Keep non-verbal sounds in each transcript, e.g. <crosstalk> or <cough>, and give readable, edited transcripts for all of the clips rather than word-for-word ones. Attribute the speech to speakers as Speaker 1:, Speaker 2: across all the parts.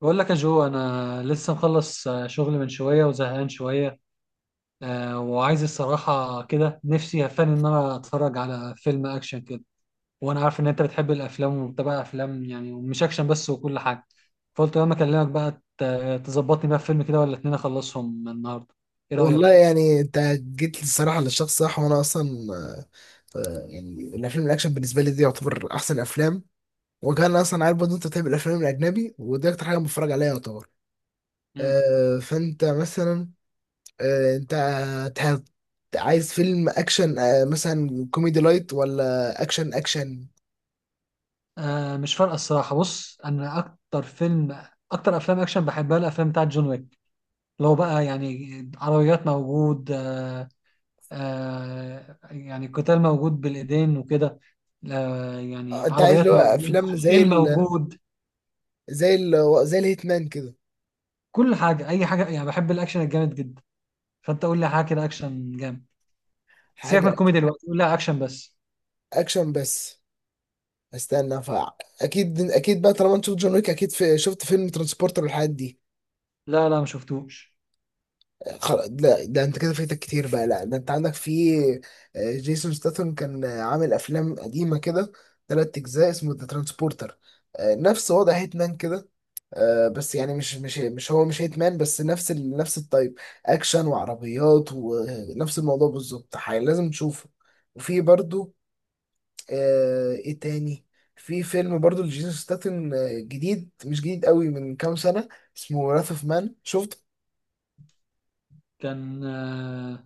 Speaker 1: بقول لك يا جو، انا لسه مخلص شغل من شويه وزهقان شويه. وعايز الصراحه كده نفسي هفاني ان انا اتفرج على فيلم اكشن كده. وانا عارف ان انت بتحب الافلام وبتابع افلام، يعني ومش اكشن بس وكل حاجه. فقلت لما اكلمك بقى تظبطني بقى في فيلم كده ولا اتنين اخلصهم النهارده. ايه
Speaker 2: والله
Speaker 1: رايك؟
Speaker 2: يعني انت جيت الصراحه للشخص صح وانا اصلا، يعني الافلام الاكشن بالنسبه لي دي يعتبر احسن افلام. وكان اصلا عارف برضه انت بتحب الافلام الاجنبي ودي اكتر حاجه بتفرج عليها يعتبر.
Speaker 1: مم.
Speaker 2: فانت مثلا، انت تح- عايز فيلم اكشن، مثلا كوميدي لايت ولا اكشن اكشن؟
Speaker 1: آه، مش فارقه الصراحه. بص، انا اكتر افلام اكشن بحبها الافلام بتاعت جون ويك. لو بقى يعني عربيات موجود، يعني قتال موجود بالايدين وكده، يعني
Speaker 2: انت عايز اللي
Speaker 1: عربيات
Speaker 2: هو
Speaker 1: موجود،
Speaker 2: افلام زي
Speaker 1: خيل
Speaker 2: ال
Speaker 1: موجود،
Speaker 2: زي ال زي الهيتمان كده؟
Speaker 1: كل حاجه، اي حاجه. يعني بحب الاكشن الجامد جدا. فانت قول لي حاجه كده اكشن جامد. سيبك من
Speaker 2: حاجه
Speaker 1: الكوميدي دلوقتي، قول لي اكشن بس.
Speaker 2: اكشن بس. استنى فا اكيد اكيد بقى طالما انت شفت جون ويك، اكيد شفت فيلم ترانسبورتر والحاجات دي.
Speaker 1: لا، لا، ما شفتوش.
Speaker 2: لا ده انت كده فايتك كتير بقى، لا ده انت عندك في، جيسون ستاثام كان، عامل افلام قديمه كده، ثلاث اجزاء اسمه ذا ترانسبورتر، نفس وضع هيتمان كده. بس يعني مش هيتمان، بس نفس نفس الطيب، اكشن وعربيات ونفس الموضوع بالظبط. لازم تشوفه. وفي برضو، آه، ايه تاني؟ في فيلم برضو لجيسون ستاتن، جديد، مش جديد قوي، من كام سنة، اسمه راث اوف مان، شفت؟
Speaker 1: كان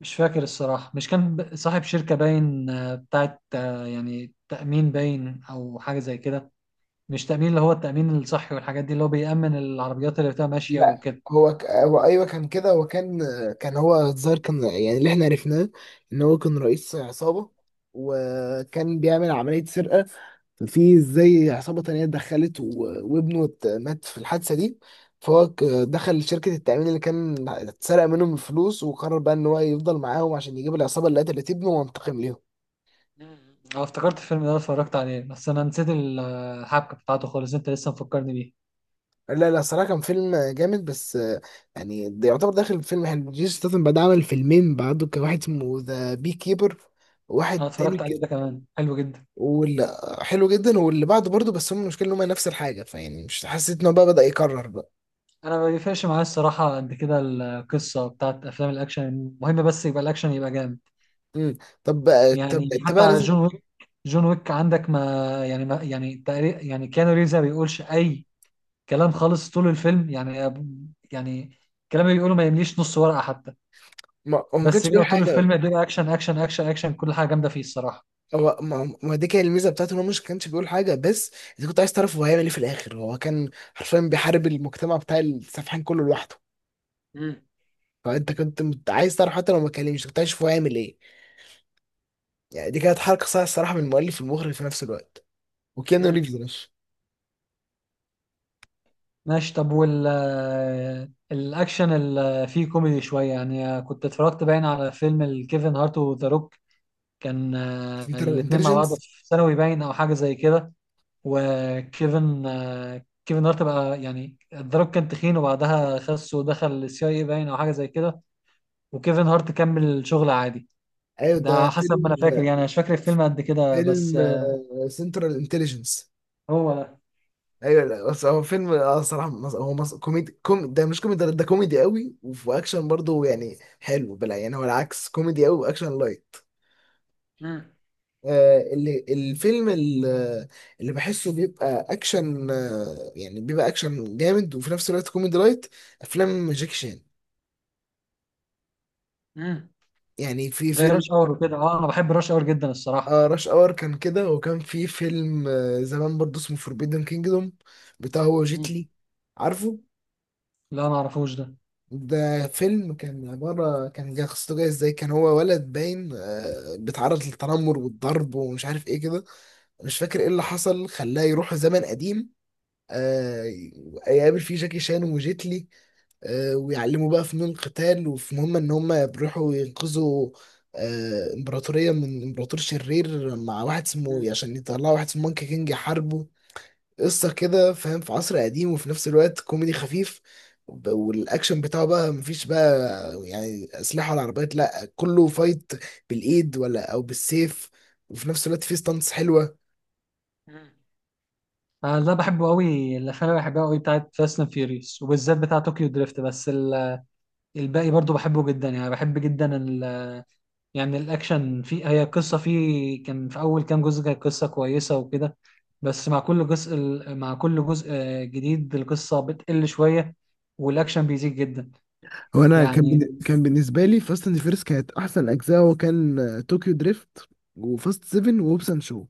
Speaker 1: مش فاكر الصراحه. مش كان صاحب شركه باين بتاعت يعني تامين باين او حاجه زي كده. مش تامين، اللي هو التامين الصحي والحاجات دي، اللي هو بيامن العربيات اللي بتبقى ماشيه
Speaker 2: لا،
Speaker 1: وكده.
Speaker 2: هو ايوه كان كده، هو كان، كان هو الظاهر كان، يعني اللي احنا عرفناه ان هو كان رئيس عصابة، وكان بيعمل عملية سرقة، في زي عصابة تانية اتدخلت و... وابنه مات في الحادثة دي. دخل شركة التأمين اللي كان اتسرق منهم الفلوس، وقرر بقى ان هو يفضل معاهم عشان يجيب العصابة اللي قتلت ابنه وينتقم ليهم.
Speaker 1: مم. اه، افتكرت الفيلم ده اتفرجت عليه، بس انا نسيت الحبكه بتاعته خالص، انت لسه مفكرني بيه.
Speaker 2: لا لا، صراحة كان فيلم جامد، بس آه، يعني ده يعتبر داخل فيلم حلو. جيسون ستاثام بعد عمل فيلمين بعده، كان واحد اسمه ذا بي كيبر،
Speaker 1: انا
Speaker 2: واحد تاني
Speaker 1: اتفرجت عليه
Speaker 2: ك...
Speaker 1: ده كمان، حلو جدا.
Speaker 2: واللي حلو جدا، واللي بعده برضه، بس هم المشكلة ان هم نفس الحاجة، فيعني مش حسيت ان هو بقى بدأ يكرر بقى.
Speaker 1: انا ما بيفرقش معايا الصراحه قد كده القصه بتاعت افلام الاكشن، المهم بس يبقى الاكشن يبقى جامد.
Speaker 2: امم، طب
Speaker 1: يعني
Speaker 2: انت بقى
Speaker 1: حتى
Speaker 2: لازم.
Speaker 1: جون ويك، عندك ما يعني تقريبا، يعني كيانو ريفز ما بيقولش اي كلام خالص طول الفيلم، يعني. يعني الكلام اللي بيقوله ما يمليش نص ورقه حتى.
Speaker 2: ما... هو ما
Speaker 1: بس
Speaker 2: كانش بيقول
Speaker 1: بيبقى طول
Speaker 2: حاجة.
Speaker 1: الفيلم بيبقى اكشن اكشن اكشن اكشن، كل حاجه جامده فيه الصراحه.
Speaker 2: هو ما... ما دي كانت الميزة بتاعته ان هو مش كانش بيقول حاجة، بس انت كنت عايز تعرف هو هيعمل ايه في الآخر. هو كان حرفيا بيحارب المجتمع بتاع السفحان كله لوحده.
Speaker 1: مم.
Speaker 2: فانت كنت عايز تعرف حتى لو ما اتكلمش، كنت عايز تشوف هو هيعمل ايه. يعني دي كانت حركه صح الصراحه من المؤلف والمخرج في نفس الوقت. وكيانو
Speaker 1: مم.
Speaker 2: ريفز يا باشا.
Speaker 1: ماشي. طب وال آه، الأكشن اللي فيه كوميدي شوية، يعني كنت اتفرجت باين على فيلم الكيفن هارت وذا روك. كان
Speaker 2: سنترال
Speaker 1: الاتنين مع بعض
Speaker 2: انتليجنس.
Speaker 1: في ثانوي باين أو حاجة زي كده. وكيفن آه، كيفن هارت بقى، يعني ذا روك كان تخين وبعدها خس ودخل السي اي باين أو حاجة زي كده، وكيفن هارت كمل شغل عادي.
Speaker 2: ايوه ده
Speaker 1: ده حسب ما
Speaker 2: فيلم.
Speaker 1: أنا فاكر، يعني مش فاكر الفيلم قد كده بس.
Speaker 2: فيلم سنترال انتليجنس.
Speaker 1: هو ده.
Speaker 2: ايوه. لا بس هو فيلم، اه صراحه، كوميدي، ده مش كوميدي، ده كوميدي قوي وفي اكشن برضه، يعني حلو. بلا يعني هو العكس، كوميدي قوي واكشن لايت.
Speaker 1: مم.
Speaker 2: آه اللي الفيلم اللي, اللي بحسه بيبقى اكشن، آه يعني بيبقى اكشن جامد وفي نفس الوقت كوميدي لايت، افلام جاكي شان.
Speaker 1: مم.
Speaker 2: يعني في
Speaker 1: زي
Speaker 2: فيلم.
Speaker 1: راش اور وكده. اه، أنا بحب راش اور جدا الصراحة.
Speaker 2: اه راش اور كان كده، وكان في فيلم، آه، زمان برضه اسمه فوربيدن كينجدوم، بتاع هو
Speaker 1: مم.
Speaker 2: جيتلي، عارفه؟
Speaker 1: لا، ما أعرفوش ده.
Speaker 2: ده فيلم كان عبارة، قصته جاية ازاي، كان هو ولد باين، آه، بيتعرض للتنمر والضرب ومش عارف ايه كده، مش فاكر ايه اللي حصل خلاه يروح زمن قديم، آه، يقابل فيه جاكي شان وجيتلي، آه، ويعلموا بقى فنون قتال، وفي مهمة ان هم بيروحوا ينقذوا، آه، امبراطورية من امبراطور شرير مع واحد اسمه إيه،
Speaker 1: مم.
Speaker 2: عشان يطلعوا واحد اسمه مونكي كينج يحاربه. قصة كده فاهم في عصر قديم، وفي نفس الوقت كوميدي خفيف. والاكشن بتاعه بقى مفيش بقى يعني اسلحة ولا عربيات، لا كله فايت بالايد ولا او بالسيف، وفي نفس الوقت فيه ستانتس حلوة.
Speaker 1: مم. انا ده بحبه قوي. الافلام اللي بحبها قوي بتاعت فاست اند فيوريوس، وبالذات بتاع طوكيو دريفت، بس الباقي برضو بحبه جدا. يعني بحب جدا يعني الاكشن في هي، القصه فيه كان في اول كام جزء كانت قصه كويسه وكده، بس مع كل جزء، جديد، القصه بتقل شويه والاكشن بيزيد جدا.
Speaker 2: وانا كان،
Speaker 1: يعني
Speaker 2: كان بالنسبه لي فاست اند فيرس كانت احسن اجزاء هو كان طوكيو دريفت وفاست 7 ووبسان شو.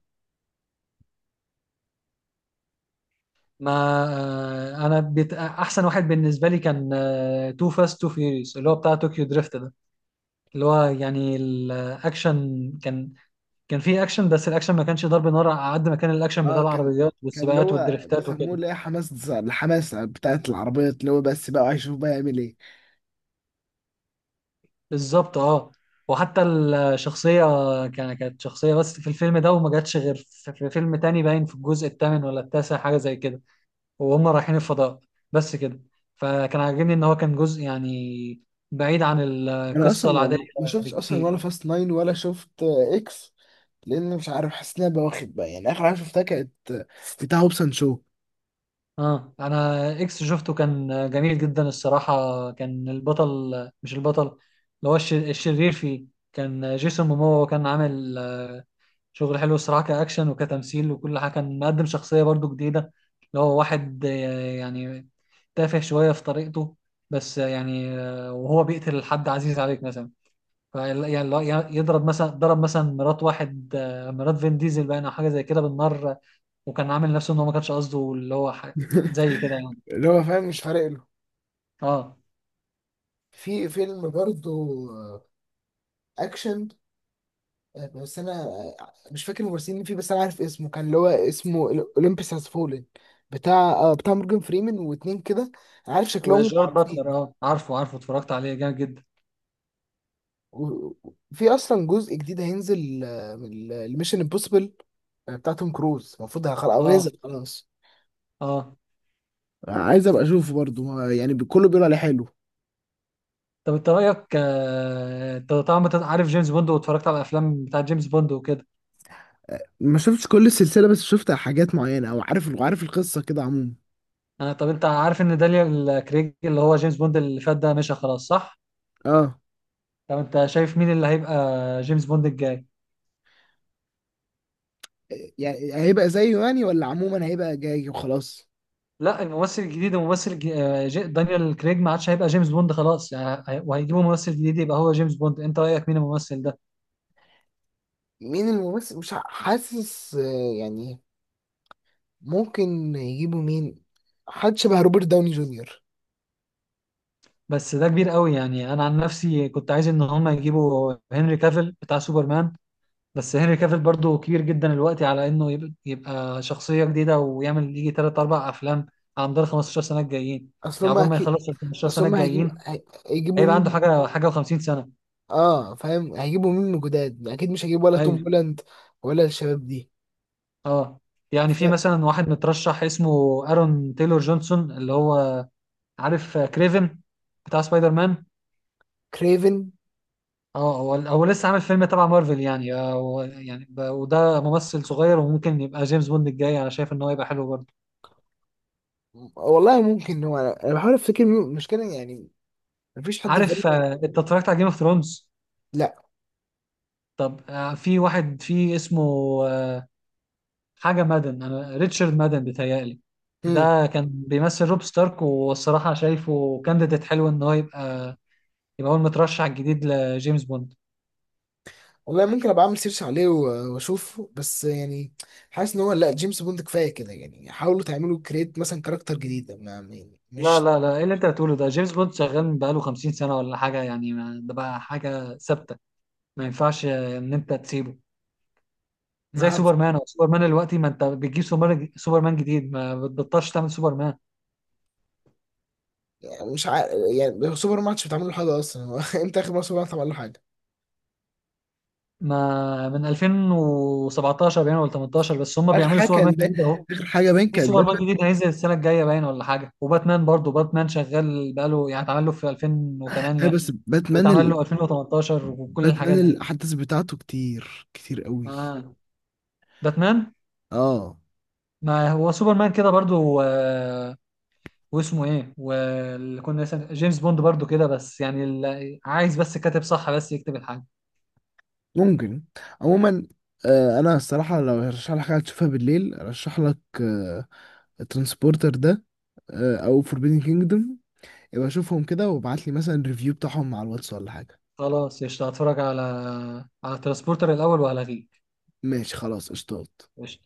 Speaker 1: ما آه، انا احسن واحد بالنسبه لي كان تو فاست تو فيوريوس، اللي هو بتاع طوكيو دريفت، اللي هو يعني الاكشن كان، كان فيه اكشن بس الاكشن ما كانش ضرب نار على قد ما كان الاكشن بتاع
Speaker 2: اه كان،
Speaker 1: العربيات
Speaker 2: كان اللي
Speaker 1: والسباقات
Speaker 2: هو
Speaker 1: والدريفتات
Speaker 2: بيسموه
Speaker 1: وكده.
Speaker 2: اللي هي حماس، الحماسه بتاعت العربيات، اللي هو بس بقى هيشوف بقى يعمل ايه.
Speaker 1: بالظبط، اه. وحتى الشخصية، كانت شخصية بس في الفيلم ده وما جاتش غير في فيلم تاني باين في الجزء الثامن ولا التاسع حاجة زي كده، وهم رايحين الفضاء، بس كده. فكان عاجبني ان هو كان جزء يعني بعيد عن
Speaker 2: انا اصلا
Speaker 1: القصة العادية
Speaker 2: ما شفتش اصلا
Speaker 1: بكتير.
Speaker 2: ولا فاست ناين، ولا شفت، آه، اكس. لان مش عارف حاسس ان انا بواخد بقى، يعني اخر حاجه شفتها كانت، آه، بتاع هوبسون شو.
Speaker 1: اه، انا اكس شفته كان جميل جدا الصراحه. كان البطل، مش البطل، اللي هو الشرير فيه كان جيسون مومو، وكان عامل شغل حلو الصراحه كاكشن وكتمثيل وكل حاجه. كان مقدم شخصيه برضو جديده، اللي هو واحد يعني تافه شويه في طريقته بس. وهو بيقتل حد عزيز عليك مثلا. يعني، يعني يضرب مثلا ضرب مثلا مرات واحد آه، مرات فين ديزل باين او حاجه زي كده بالنار. وكان عامل نفسه ان هو ما كانش قصده، زي كده
Speaker 2: <laughs>
Speaker 1: يعني.
Speaker 2: اللي هو فاهم مش فارق له.
Speaker 1: اه،
Speaker 2: في فيلم برضه، آه، اكشن، آه، بس انا، آه، مش فاكر الممثلين فيه، بس انا عارف اسمه كان اللي هو اسمه اولمبيس هاز فولن، بتاع، آه، بتاع مورجان فريمان واتنين كده، أنا عارف شكلهم
Speaker 1: وجارد باتلر،
Speaker 2: معروفين.
Speaker 1: اه، عارفه، عارفه، اتفرجت عليه جامد جدا.
Speaker 2: و- في اصلا جزء جديد هينزل، آه، من الميشن امبوسيبل بتاع توم كروز، المفروض هيخلق او نازل
Speaker 1: اه.
Speaker 2: خلاص.
Speaker 1: اه.
Speaker 2: عايز ابقى اشوفه برضه، ما يعني كله بيقول عليه حلو.
Speaker 1: طب انت رايك انت طبعا أنت عارف جيمس بوند واتفرجت على الافلام بتاع جيمس بوند وكده.
Speaker 2: ما شفتش كل السلسله، بس شفت حاجات معينه، او عارف، عارف القصه كده عموما.
Speaker 1: آه، طب انت عارف ان دانيال كريج اللي هو جيمس بوند اللي فات ده مشى خلاص، صح؟
Speaker 2: اه.
Speaker 1: طب انت شايف مين اللي هيبقى جيمس بوند الجاي؟
Speaker 2: يعني هيبقى زيه يعني، ولا عموما هيبقى جاي وخلاص؟
Speaker 1: لا، الممثل الجديد، الممثل الج- آه، جي- دانيال كريج ما عادش هيبقى جيمس بوند خلاص، يعني وهيجيبوا ممثل جديد يبقى هو جيمس بوند. انت رايك مين الممثل ده؟
Speaker 2: مين الممثل؟ مش ع- حاسس، آه، يعني ممكن يجيبوا مين؟ حد شبه روبرت داوني جونيور.
Speaker 1: بس ده كبير قوي يعني. انا عن نفسي كنت عايز ان هم يجيبوا هنري كافيل بتاع سوبرمان، بس هنري كافيل برضو كبير جدا الوقت على انه يبقى شخصية جديدة ويعمل يجي 3 4 افلام على مدار 15 سنة الجايين.
Speaker 2: اصل
Speaker 1: يعني
Speaker 2: هما
Speaker 1: عقبال ما
Speaker 2: اكيد،
Speaker 1: يخلص ال 15
Speaker 2: اصل
Speaker 1: سنة
Speaker 2: هما
Speaker 1: الجايين
Speaker 2: هيجيبوا
Speaker 1: هيبقى عنده
Speaker 2: مين؟
Speaker 1: حاجة، حاجة و50 سنة.
Speaker 2: اه فاهم، هيجيبوا مين من جداد، اكيد مش هيجيب ولا توم
Speaker 1: ايوه.
Speaker 2: هولاند ولا الشباب دي.
Speaker 1: اه. يعني في
Speaker 2: فاهم.
Speaker 1: مثلا واحد مترشح اسمه ارون تايلور جونسون، اللي هو، عارف كريفن بتاع سبايدر مان؟
Speaker 2: كريفن.
Speaker 1: اه، هو لسه عامل فيلم تبع مارفل، يعني هو يعني، وده ممثل صغير وممكن يبقى جيمس بوند الجاي. انا شايف ان هو يبقى حلو برضه.
Speaker 2: والله ممكن هو، أنا بحاول افتكر المشكله يعني مفيش حد في
Speaker 1: عارف
Speaker 2: بالي.
Speaker 1: انت اتفرجت على جيم اوف ثرونز؟
Speaker 2: لا.
Speaker 1: طب في واحد في اسمه آه، حاجه مادن، انا ريتشارد مادن بيتهيألي.
Speaker 2: امم.
Speaker 1: ده كان بيمثل روب ستارك، والصراحه شايفه كانديديت حلو ان هو يبقى هو المترشح الجديد لجيمس بوند.
Speaker 2: والله ممكن ابقى اعمل سيرش عليه واشوفه، بس يعني حاسس ان هو لا، جيمس بوند كفايه كده، يعني حاولوا تعملوا كريت مثلا كاركتر جديد
Speaker 1: لا،
Speaker 2: مش،
Speaker 1: لا، لا، ايه اللي انت بتقوله ده؟ جيمس بوند شغال بقاله 50 سنه ولا حاجه يعني، ده بقى حاجه ثابته. ما ينفعش ان انت تسيبه.
Speaker 2: ما
Speaker 1: زي
Speaker 2: عارف
Speaker 1: سوبرمان، او سوبرمان دلوقتي، ما انت بتجيب سوبرمان، سوبرمان جديد، ما بتبطلش تعمل سوبرمان.
Speaker 2: يعني، مش عارف يعني. سوبر ماتش بتعمل له حاجه اصلا هو؟ <laughs> امتى اخر مره سوبر ماتش عمل له حاجه؟
Speaker 1: ما من 2017 باين ولا 18 بس هم
Speaker 2: اخر
Speaker 1: بيعملوا
Speaker 2: حاجه
Speaker 1: سوبرمان
Speaker 2: كان ده،
Speaker 1: جديد اهو.
Speaker 2: اخر حاجه باين
Speaker 1: في
Speaker 2: كانت
Speaker 1: سوبرمان
Speaker 2: باتمان.
Speaker 1: جديد هينزل السنه الجايه باين ولا حاجه. وباتمان برضه، باتمان شغال بقاله، يعني اتعمل له في
Speaker 2: آه
Speaker 1: 2008
Speaker 2: بس
Speaker 1: واتعمل
Speaker 2: باتمان،
Speaker 1: له 2018 وكل
Speaker 2: باتمان
Speaker 1: الحاجات دي.
Speaker 2: الاحداث بتاعته كتير كتير قوي.
Speaker 1: آه. باتمان.
Speaker 2: اه
Speaker 1: ما هو سوبرمان كده برضه. واسمه ايه، واللي كنا جيمس بوند برضه كده، بس يعني عايز بس كاتب صح بس يكتب الحاجه.
Speaker 2: ممكن. عموما، آه انا الصراحه لو هرشح لك حاجه تشوفها بالليل، ارشح لك آه الترانسبورتر ده، آه او فوربيدن كينجدوم. يبقى شوفهم كده وابعت لي مثلا ريفيو بتاعهم على الواتس ولا حاجه.
Speaker 1: خلاص قشطة، هتفرج على ترانسبورتر الأول وهلغيك.
Speaker 2: ماشي خلاص قشطات.
Speaker 1: قشطة.